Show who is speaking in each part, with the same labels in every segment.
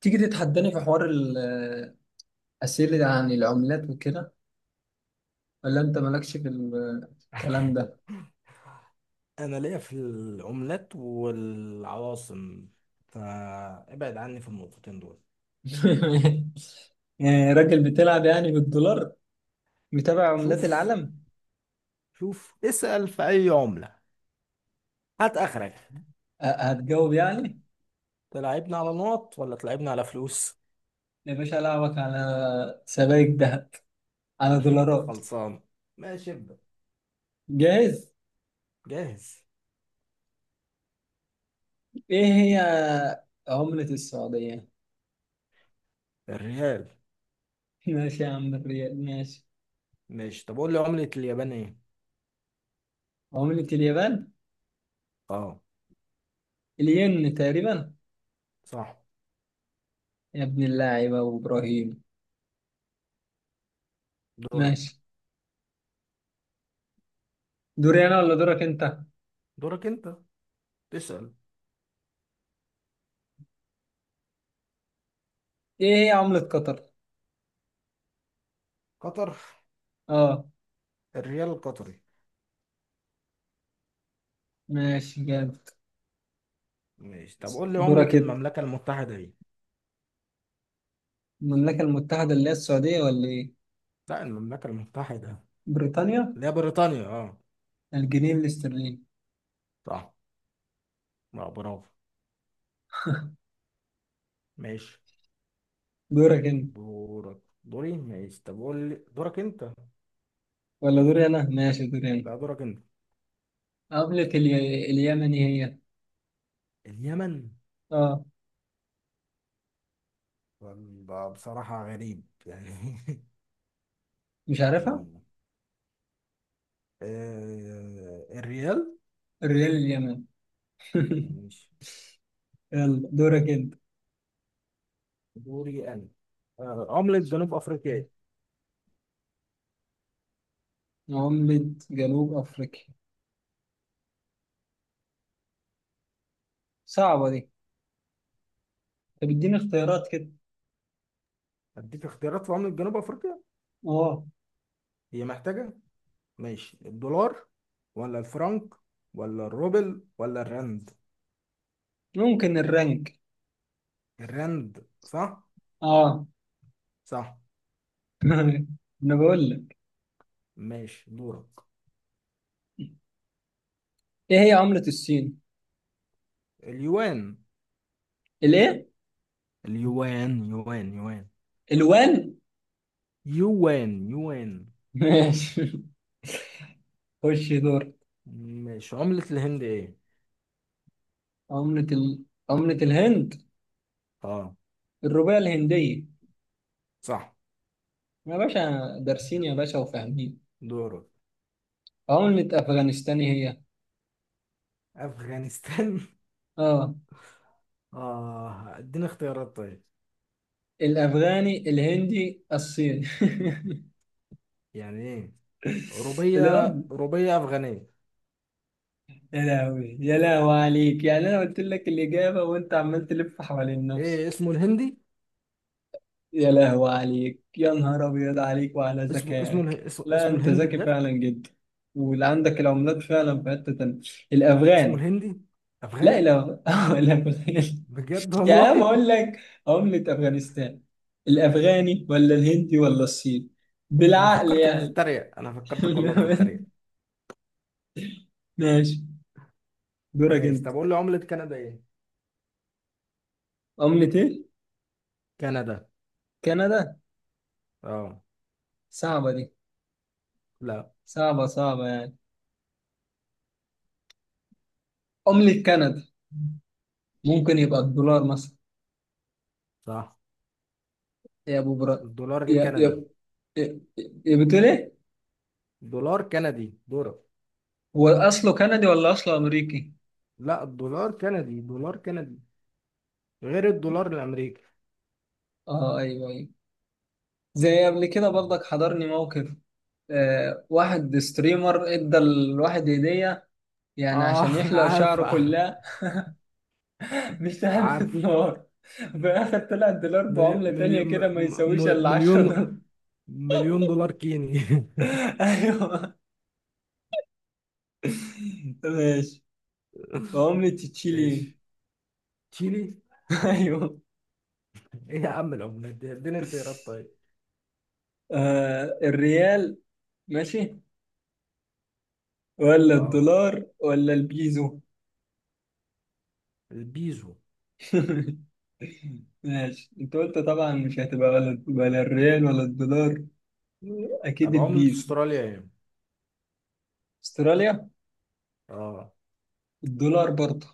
Speaker 1: تيجي تتحداني في حوار الأسئلة عن العملات وكده، ولا أنت مالكش في الكلام ده؟
Speaker 2: انا ليا في العملات والعواصم، فابعد عني في النقطتين دول.
Speaker 1: يعني راجل بتلعب يعني بالدولار، متابع عملات
Speaker 2: شوف
Speaker 1: العالم.
Speaker 2: شوف اسأل في اي عملة، هات اخرك.
Speaker 1: هتجاوب يعني.
Speaker 2: تلعبنا على نقط ولا تلعبنا على فلوس؟
Speaker 1: يا باشا ألعبك على سبائك ذهب، على دولارات.
Speaker 2: خلصان. ماشي ابدأ.
Speaker 1: جاهز؟
Speaker 2: جاهز.
Speaker 1: إيه هي عملة السعودية؟
Speaker 2: الريال.
Speaker 1: ماشي يا عم، الريال ماشي.
Speaker 2: ماشي طب قول لي عملة اليابان ايه؟
Speaker 1: عملة اليابان؟
Speaker 2: اه.
Speaker 1: الين تقريبا.
Speaker 2: صح.
Speaker 1: يا ابن اللاعب أبو إبراهيم.
Speaker 2: دورك.
Speaker 1: ماشي. دوري أنا ولا دورك أنت؟
Speaker 2: دورك انت تسأل.
Speaker 1: ايه هي عملة قطر؟
Speaker 2: قطر.
Speaker 1: اه.
Speaker 2: الريال القطري.
Speaker 1: ماشي جامد.
Speaker 2: ماشي طب قول لي عملة
Speaker 1: دورك انت.
Speaker 2: المملكة المتحدة ايه؟
Speaker 1: المملكة المتحدة اللي هي السعودية ولا ايه؟
Speaker 2: لا، المملكة المتحدة.
Speaker 1: بريطانيا.
Speaker 2: اللي هي بريطانيا اه.
Speaker 1: الجنيه الاسترليني.
Speaker 2: صح. لا، برافو. ماشي.
Speaker 1: دورك انت
Speaker 2: دورك دوري ماشي طب قول لي دورك انت.
Speaker 1: ولا دوري انا؟ ماشي دوري انا.
Speaker 2: لا دورك انت.
Speaker 1: عملة اليمني هي.
Speaker 2: اليمن.
Speaker 1: اه.
Speaker 2: ولا بصراحة غريب يعني.
Speaker 1: مش عارفها؟
Speaker 2: مم. آه، الريال.
Speaker 1: الريال اليمني.
Speaker 2: ماشي.
Speaker 1: يلا دورك انت.
Speaker 2: دوري انا. آه، عملة جنوب افريقيا.
Speaker 1: عملة جنوب افريقيا. صعبة دي. طب اديني اختيارات كده.
Speaker 2: اديك اختيارات في عملة جنوب افريقيا.
Speaker 1: اه.
Speaker 2: هي محتاجة. ماشي، الدولار ولا الفرنك ولا الروبل ولا الرند؟
Speaker 1: ممكن الرنك.
Speaker 2: الرند صح.
Speaker 1: اه.
Speaker 2: صح.
Speaker 1: انا بقول لك.
Speaker 2: ماشي. دورك.
Speaker 1: ايه هي عملة الصين؟
Speaker 2: اليوان.
Speaker 1: الايه؟
Speaker 2: اليوان، يوان يوان،
Speaker 1: الوان؟
Speaker 2: يوان يوان.
Speaker 1: ماشي. خش دور.
Speaker 2: ماشي. عملة الهند ايه؟
Speaker 1: عملة ال... عملة الهند.
Speaker 2: اه.
Speaker 1: الروبية الهندية.
Speaker 2: صح.
Speaker 1: يا باشا دارسين يا باشا وفاهمين.
Speaker 2: دورك.
Speaker 1: عملة أفغانستان هي.
Speaker 2: افغانستان.
Speaker 1: اه.
Speaker 2: اه، اديني اختيارات طيب.
Speaker 1: الأفغاني الهندي الصيني.
Speaker 2: يعني ايه؟ روبية،
Speaker 1: الأم.
Speaker 2: روبية افغانية.
Speaker 1: يا لهوي، يا لهوي عليك يعني، أنا قلت لك الإجابة وأنت عمال تلف حوالين
Speaker 2: ايه
Speaker 1: نفسك.
Speaker 2: اسمه الهندي؟
Speaker 1: يا لهوي عليك يا نهار أبيض عليك وعلى
Speaker 2: اسمه
Speaker 1: ذكائك.
Speaker 2: اله- اس-
Speaker 1: لا
Speaker 2: اسمه
Speaker 1: أنت
Speaker 2: الهندي
Speaker 1: ذكي
Speaker 2: بجد.
Speaker 1: فعلا جدا، واللي عندك العملات فعلا في حتة تانية.
Speaker 2: اسمه
Speaker 1: الأفغاني.
Speaker 2: الهندي
Speaker 1: لا
Speaker 2: افغاني.
Speaker 1: الأفغاني.
Speaker 2: بجد
Speaker 1: يا عم
Speaker 2: والله.
Speaker 1: بقول لك، عملة أفغانستان، الأفغاني ولا الهندي ولا الصيني،
Speaker 2: انا
Speaker 1: بالعقل
Speaker 2: فكرتك
Speaker 1: يعني.
Speaker 2: بتتريق، انا فكرتك والله بتتريق.
Speaker 1: ماشي. دورك
Speaker 2: ماشي
Speaker 1: أنت.
Speaker 2: طب قول لي عملة كندا ايه؟
Speaker 1: عملة إيه؟
Speaker 2: كندا
Speaker 1: كندا.
Speaker 2: اه.
Speaker 1: صعبة دي.
Speaker 2: لا،
Speaker 1: صعبة صعبة يعني. عملة كندا. ممكن يبقى الدولار مثلا.
Speaker 2: صح.
Speaker 1: يا أبو برا.
Speaker 2: الدولار
Speaker 1: يا يا
Speaker 2: الكندي.
Speaker 1: يا يا بتقول إيه؟
Speaker 2: دولار كندي، دولار.
Speaker 1: هو أصله كندي ولا أصله أمريكي؟
Speaker 2: لا، الدولار كندي، دولار كندي، غير الدولار الامريكي.
Speaker 1: أه أيوه أيوه. زي قبل كده برضك حضرني موقف. آه واحد ستريمر ادى الواحد هدية، يعني عشان
Speaker 2: اه.
Speaker 1: يحلق شعره
Speaker 2: عارفه.
Speaker 1: كلها. مش عارف
Speaker 2: عارف.
Speaker 1: دولار. بآخر طلع الدولار بعملة تانية كده، ما يساويش إلا 10
Speaker 2: مليون،
Speaker 1: دولار
Speaker 2: مليون دولار كيني.
Speaker 1: أيوه. ماشي. بعملة تشيلي إيه؟
Speaker 2: ماشي. تشيلي.
Speaker 1: أيوه.
Speaker 2: ايه يا عم العملات دي، اديني اختيارات طيب.
Speaker 1: آه الريال. ماشي. ولا
Speaker 2: اه،
Speaker 1: الدولار ولا البيزو.
Speaker 2: البيزو.
Speaker 1: ماشي. أنت قلت طبعا مش هتبقى ولا الريال ولا الدولار. أكيد
Speaker 2: طب عملة
Speaker 1: البيزو.
Speaker 2: استراليا ايه؟
Speaker 1: أستراليا.
Speaker 2: اه.
Speaker 1: الدولار برضه.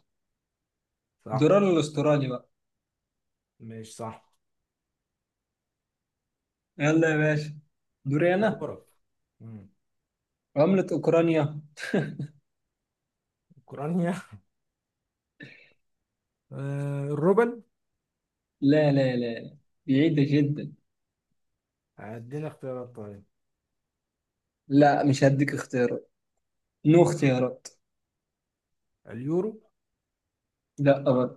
Speaker 2: صح.
Speaker 1: الدولار الأسترالي بقى.
Speaker 2: ماشي صح.
Speaker 1: يلا يا باشا. دوري أنا.
Speaker 2: دورك. مم.
Speaker 1: عملة أوكرانيا.
Speaker 2: اوكرانيا. آه، الروبل.
Speaker 1: لا لا لا. بعيدة جدا.
Speaker 2: اديني اختيارات طيب.
Speaker 1: لا مش هديك اختيارات. نو اختيارات.
Speaker 2: اليورو.
Speaker 1: لا أبدا.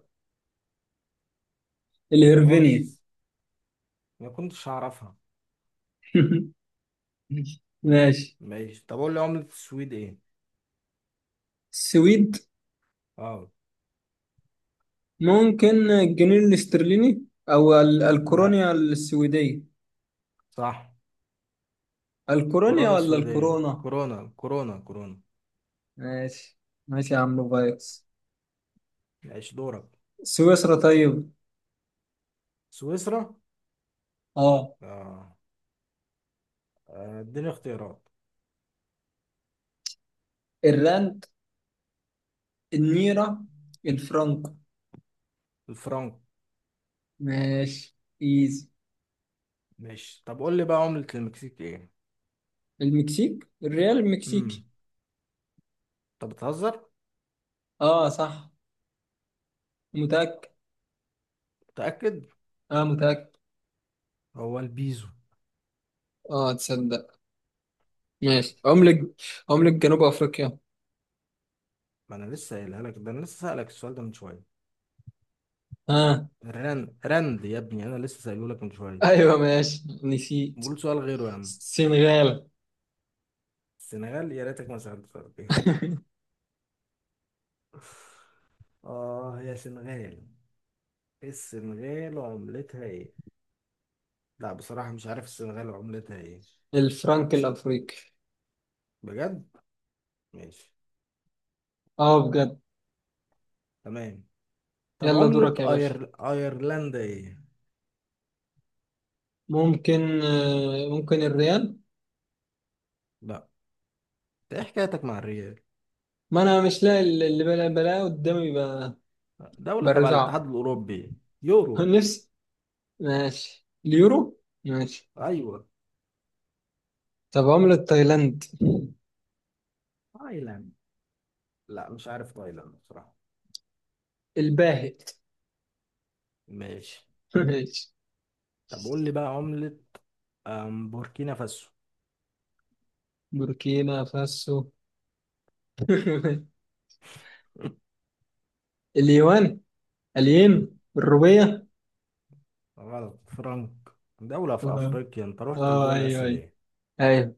Speaker 1: الهرفينيا.
Speaker 2: خلاص، ما كنتش هعرفها.
Speaker 1: ماشي.
Speaker 2: ماشي طب اقول لي عملة السويد ايه؟
Speaker 1: السويد.
Speaker 2: اه.
Speaker 1: ممكن الجنيه الاسترليني أو
Speaker 2: لا،
Speaker 1: الكورونيا السويدية.
Speaker 2: صح.
Speaker 1: الكورونيا
Speaker 2: كورونا
Speaker 1: ولا
Speaker 2: سويدية،
Speaker 1: الكورونا.
Speaker 2: كورونا كورونا كورونا.
Speaker 1: ماشي. ماشي يا عم فايروس.
Speaker 2: ماشي. دورك.
Speaker 1: سويسرا طيب.
Speaker 2: سويسرا.
Speaker 1: اه.
Speaker 2: اه. اديني اختيارات.
Speaker 1: الراند، النيرة، الفرنك.
Speaker 2: الفرنك.
Speaker 1: ماشي. ايزي.
Speaker 2: ماشي طب قول لي بقى عملة المكسيك ايه؟
Speaker 1: المكسيك. الريال المكسيكي.
Speaker 2: امم. طب بتهزر؟
Speaker 1: اه صح. متأكد.
Speaker 2: متأكد؟
Speaker 1: اه متأكد.
Speaker 2: هو البيزو.
Speaker 1: اه تصدق. ماشي. عملة. عملة جنوب افريقيا.
Speaker 2: ما انا لسه قايلها لك، ده انا لسه سألك السؤال ده من شوية.
Speaker 1: اه.
Speaker 2: رند رند يا ابني، انا لسه سأله لك من شوية.
Speaker 1: ايوه ماشي نسيت.
Speaker 2: قول سؤال غيره يا عم.
Speaker 1: السنغال.
Speaker 2: السنغال، يا ريتك ما سألت سؤال غيره. اه يا سنغال. السنغال وعملتها ايه؟ لا بصراحة مش عارف السنغال وعملتها ايه.
Speaker 1: الفرنك الافريقي.
Speaker 2: بجد؟ ماشي.
Speaker 1: اه بجد.
Speaker 2: تمام. طب
Speaker 1: يلا
Speaker 2: عملة
Speaker 1: دورك يا باشا.
Speaker 2: أيرلندا ايه؟
Speaker 1: ممكن آه ممكن الريال.
Speaker 2: لا. ايه حكايتك مع الريال؟
Speaker 1: ما انا مش لاقي اللي بلا بلا قدامي
Speaker 2: دولة تبع
Speaker 1: برزعه.
Speaker 2: الاتحاد الأوروبي. يورو.
Speaker 1: نفسي. ماشي اليورو ماشي.
Speaker 2: أيوة.
Speaker 1: طب عملة تايلاند.
Speaker 2: تايلاند. لا مش عارف تايلاند بصراحة.
Speaker 1: الباهت.
Speaker 2: ماشي.
Speaker 1: ماشي.
Speaker 2: طب قول لي بقى عملة بوركينا فاسو.
Speaker 1: بوركينا فاسو. اليوان. الين. الروبيه.
Speaker 2: غلط، فرنك. دولة في
Speaker 1: اه.
Speaker 2: أفريقيا، أنت رحت
Speaker 1: آه،
Speaker 2: لدول
Speaker 1: ايوه
Speaker 2: آسيا
Speaker 1: ايوه.
Speaker 2: ليه؟
Speaker 1: ايوه.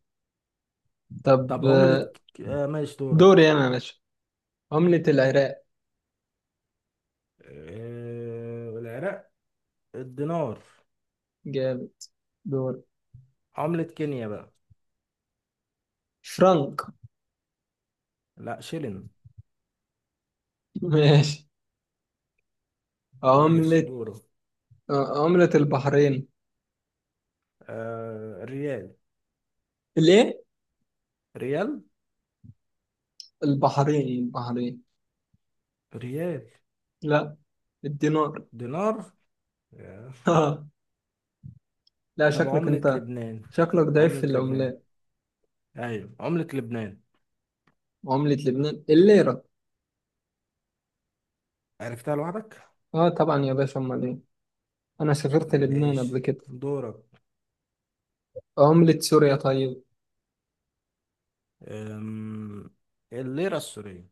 Speaker 1: طب
Speaker 2: طب عملة
Speaker 1: آه،
Speaker 2: ماشي دورك.
Speaker 1: دوري انا يا باشا. عملة العراق.
Speaker 2: آه... العراق. الدينار.
Speaker 1: جاب. دور.
Speaker 2: عملة كينيا بقى.
Speaker 1: فرنك.
Speaker 2: لا، شيلين.
Speaker 1: ماشي.
Speaker 2: ماشي
Speaker 1: عملة.
Speaker 2: دوره.
Speaker 1: آه، عملة البحرين.
Speaker 2: آه ريال.
Speaker 1: الايه.
Speaker 2: ريال.
Speaker 1: البحرين البحرين.
Speaker 2: ريال.
Speaker 1: لا. الدينار.
Speaker 2: دينار. آه.
Speaker 1: اه. لا
Speaker 2: طب
Speaker 1: شكلك
Speaker 2: عملة
Speaker 1: انت.
Speaker 2: لبنان.
Speaker 1: شكلك ضعيف في
Speaker 2: عملة لبنان.
Speaker 1: العملات.
Speaker 2: ايوه عملة لبنان.
Speaker 1: عملة لبنان الليرة.
Speaker 2: عرفتها لوحدك.
Speaker 1: اه طبعا يا باشا، امال ايه. انا سافرت لبنان قبل
Speaker 2: ماشي
Speaker 1: كده.
Speaker 2: دورك.
Speaker 1: عملة سوريا طيب.
Speaker 2: أم... الليرة السورية.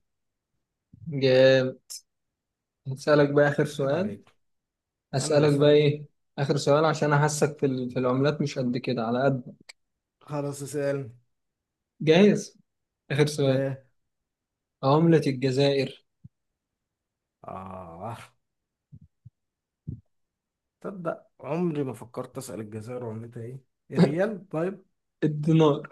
Speaker 1: جاب. هسألك بقى آخر
Speaker 2: جد
Speaker 1: سؤال.
Speaker 2: عليك. انا اللي
Speaker 1: أسألك بقى
Speaker 2: سألك بقى.
Speaker 1: إيه. آخر سؤال عشان أحسك في في العملات مش قد كده على قد.
Speaker 2: خلاص اسأل.
Speaker 1: جاهز. آخر سؤال.
Speaker 2: جاه.
Speaker 1: عملة الجزائر.
Speaker 2: اه تصدق عمري ما فكرت اسأل الجزائر عملتها ايه. الريال طيب.
Speaker 1: الدينار.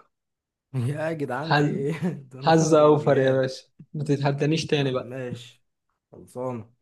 Speaker 2: يا جدعان
Speaker 1: حز
Speaker 2: في ايه
Speaker 1: حظ
Speaker 2: دينار
Speaker 1: أوفر يا
Speaker 2: وريال.
Speaker 1: باشا. ما تتحدانيش تاني
Speaker 2: عم
Speaker 1: بقى.
Speaker 2: ماشي. خلصان.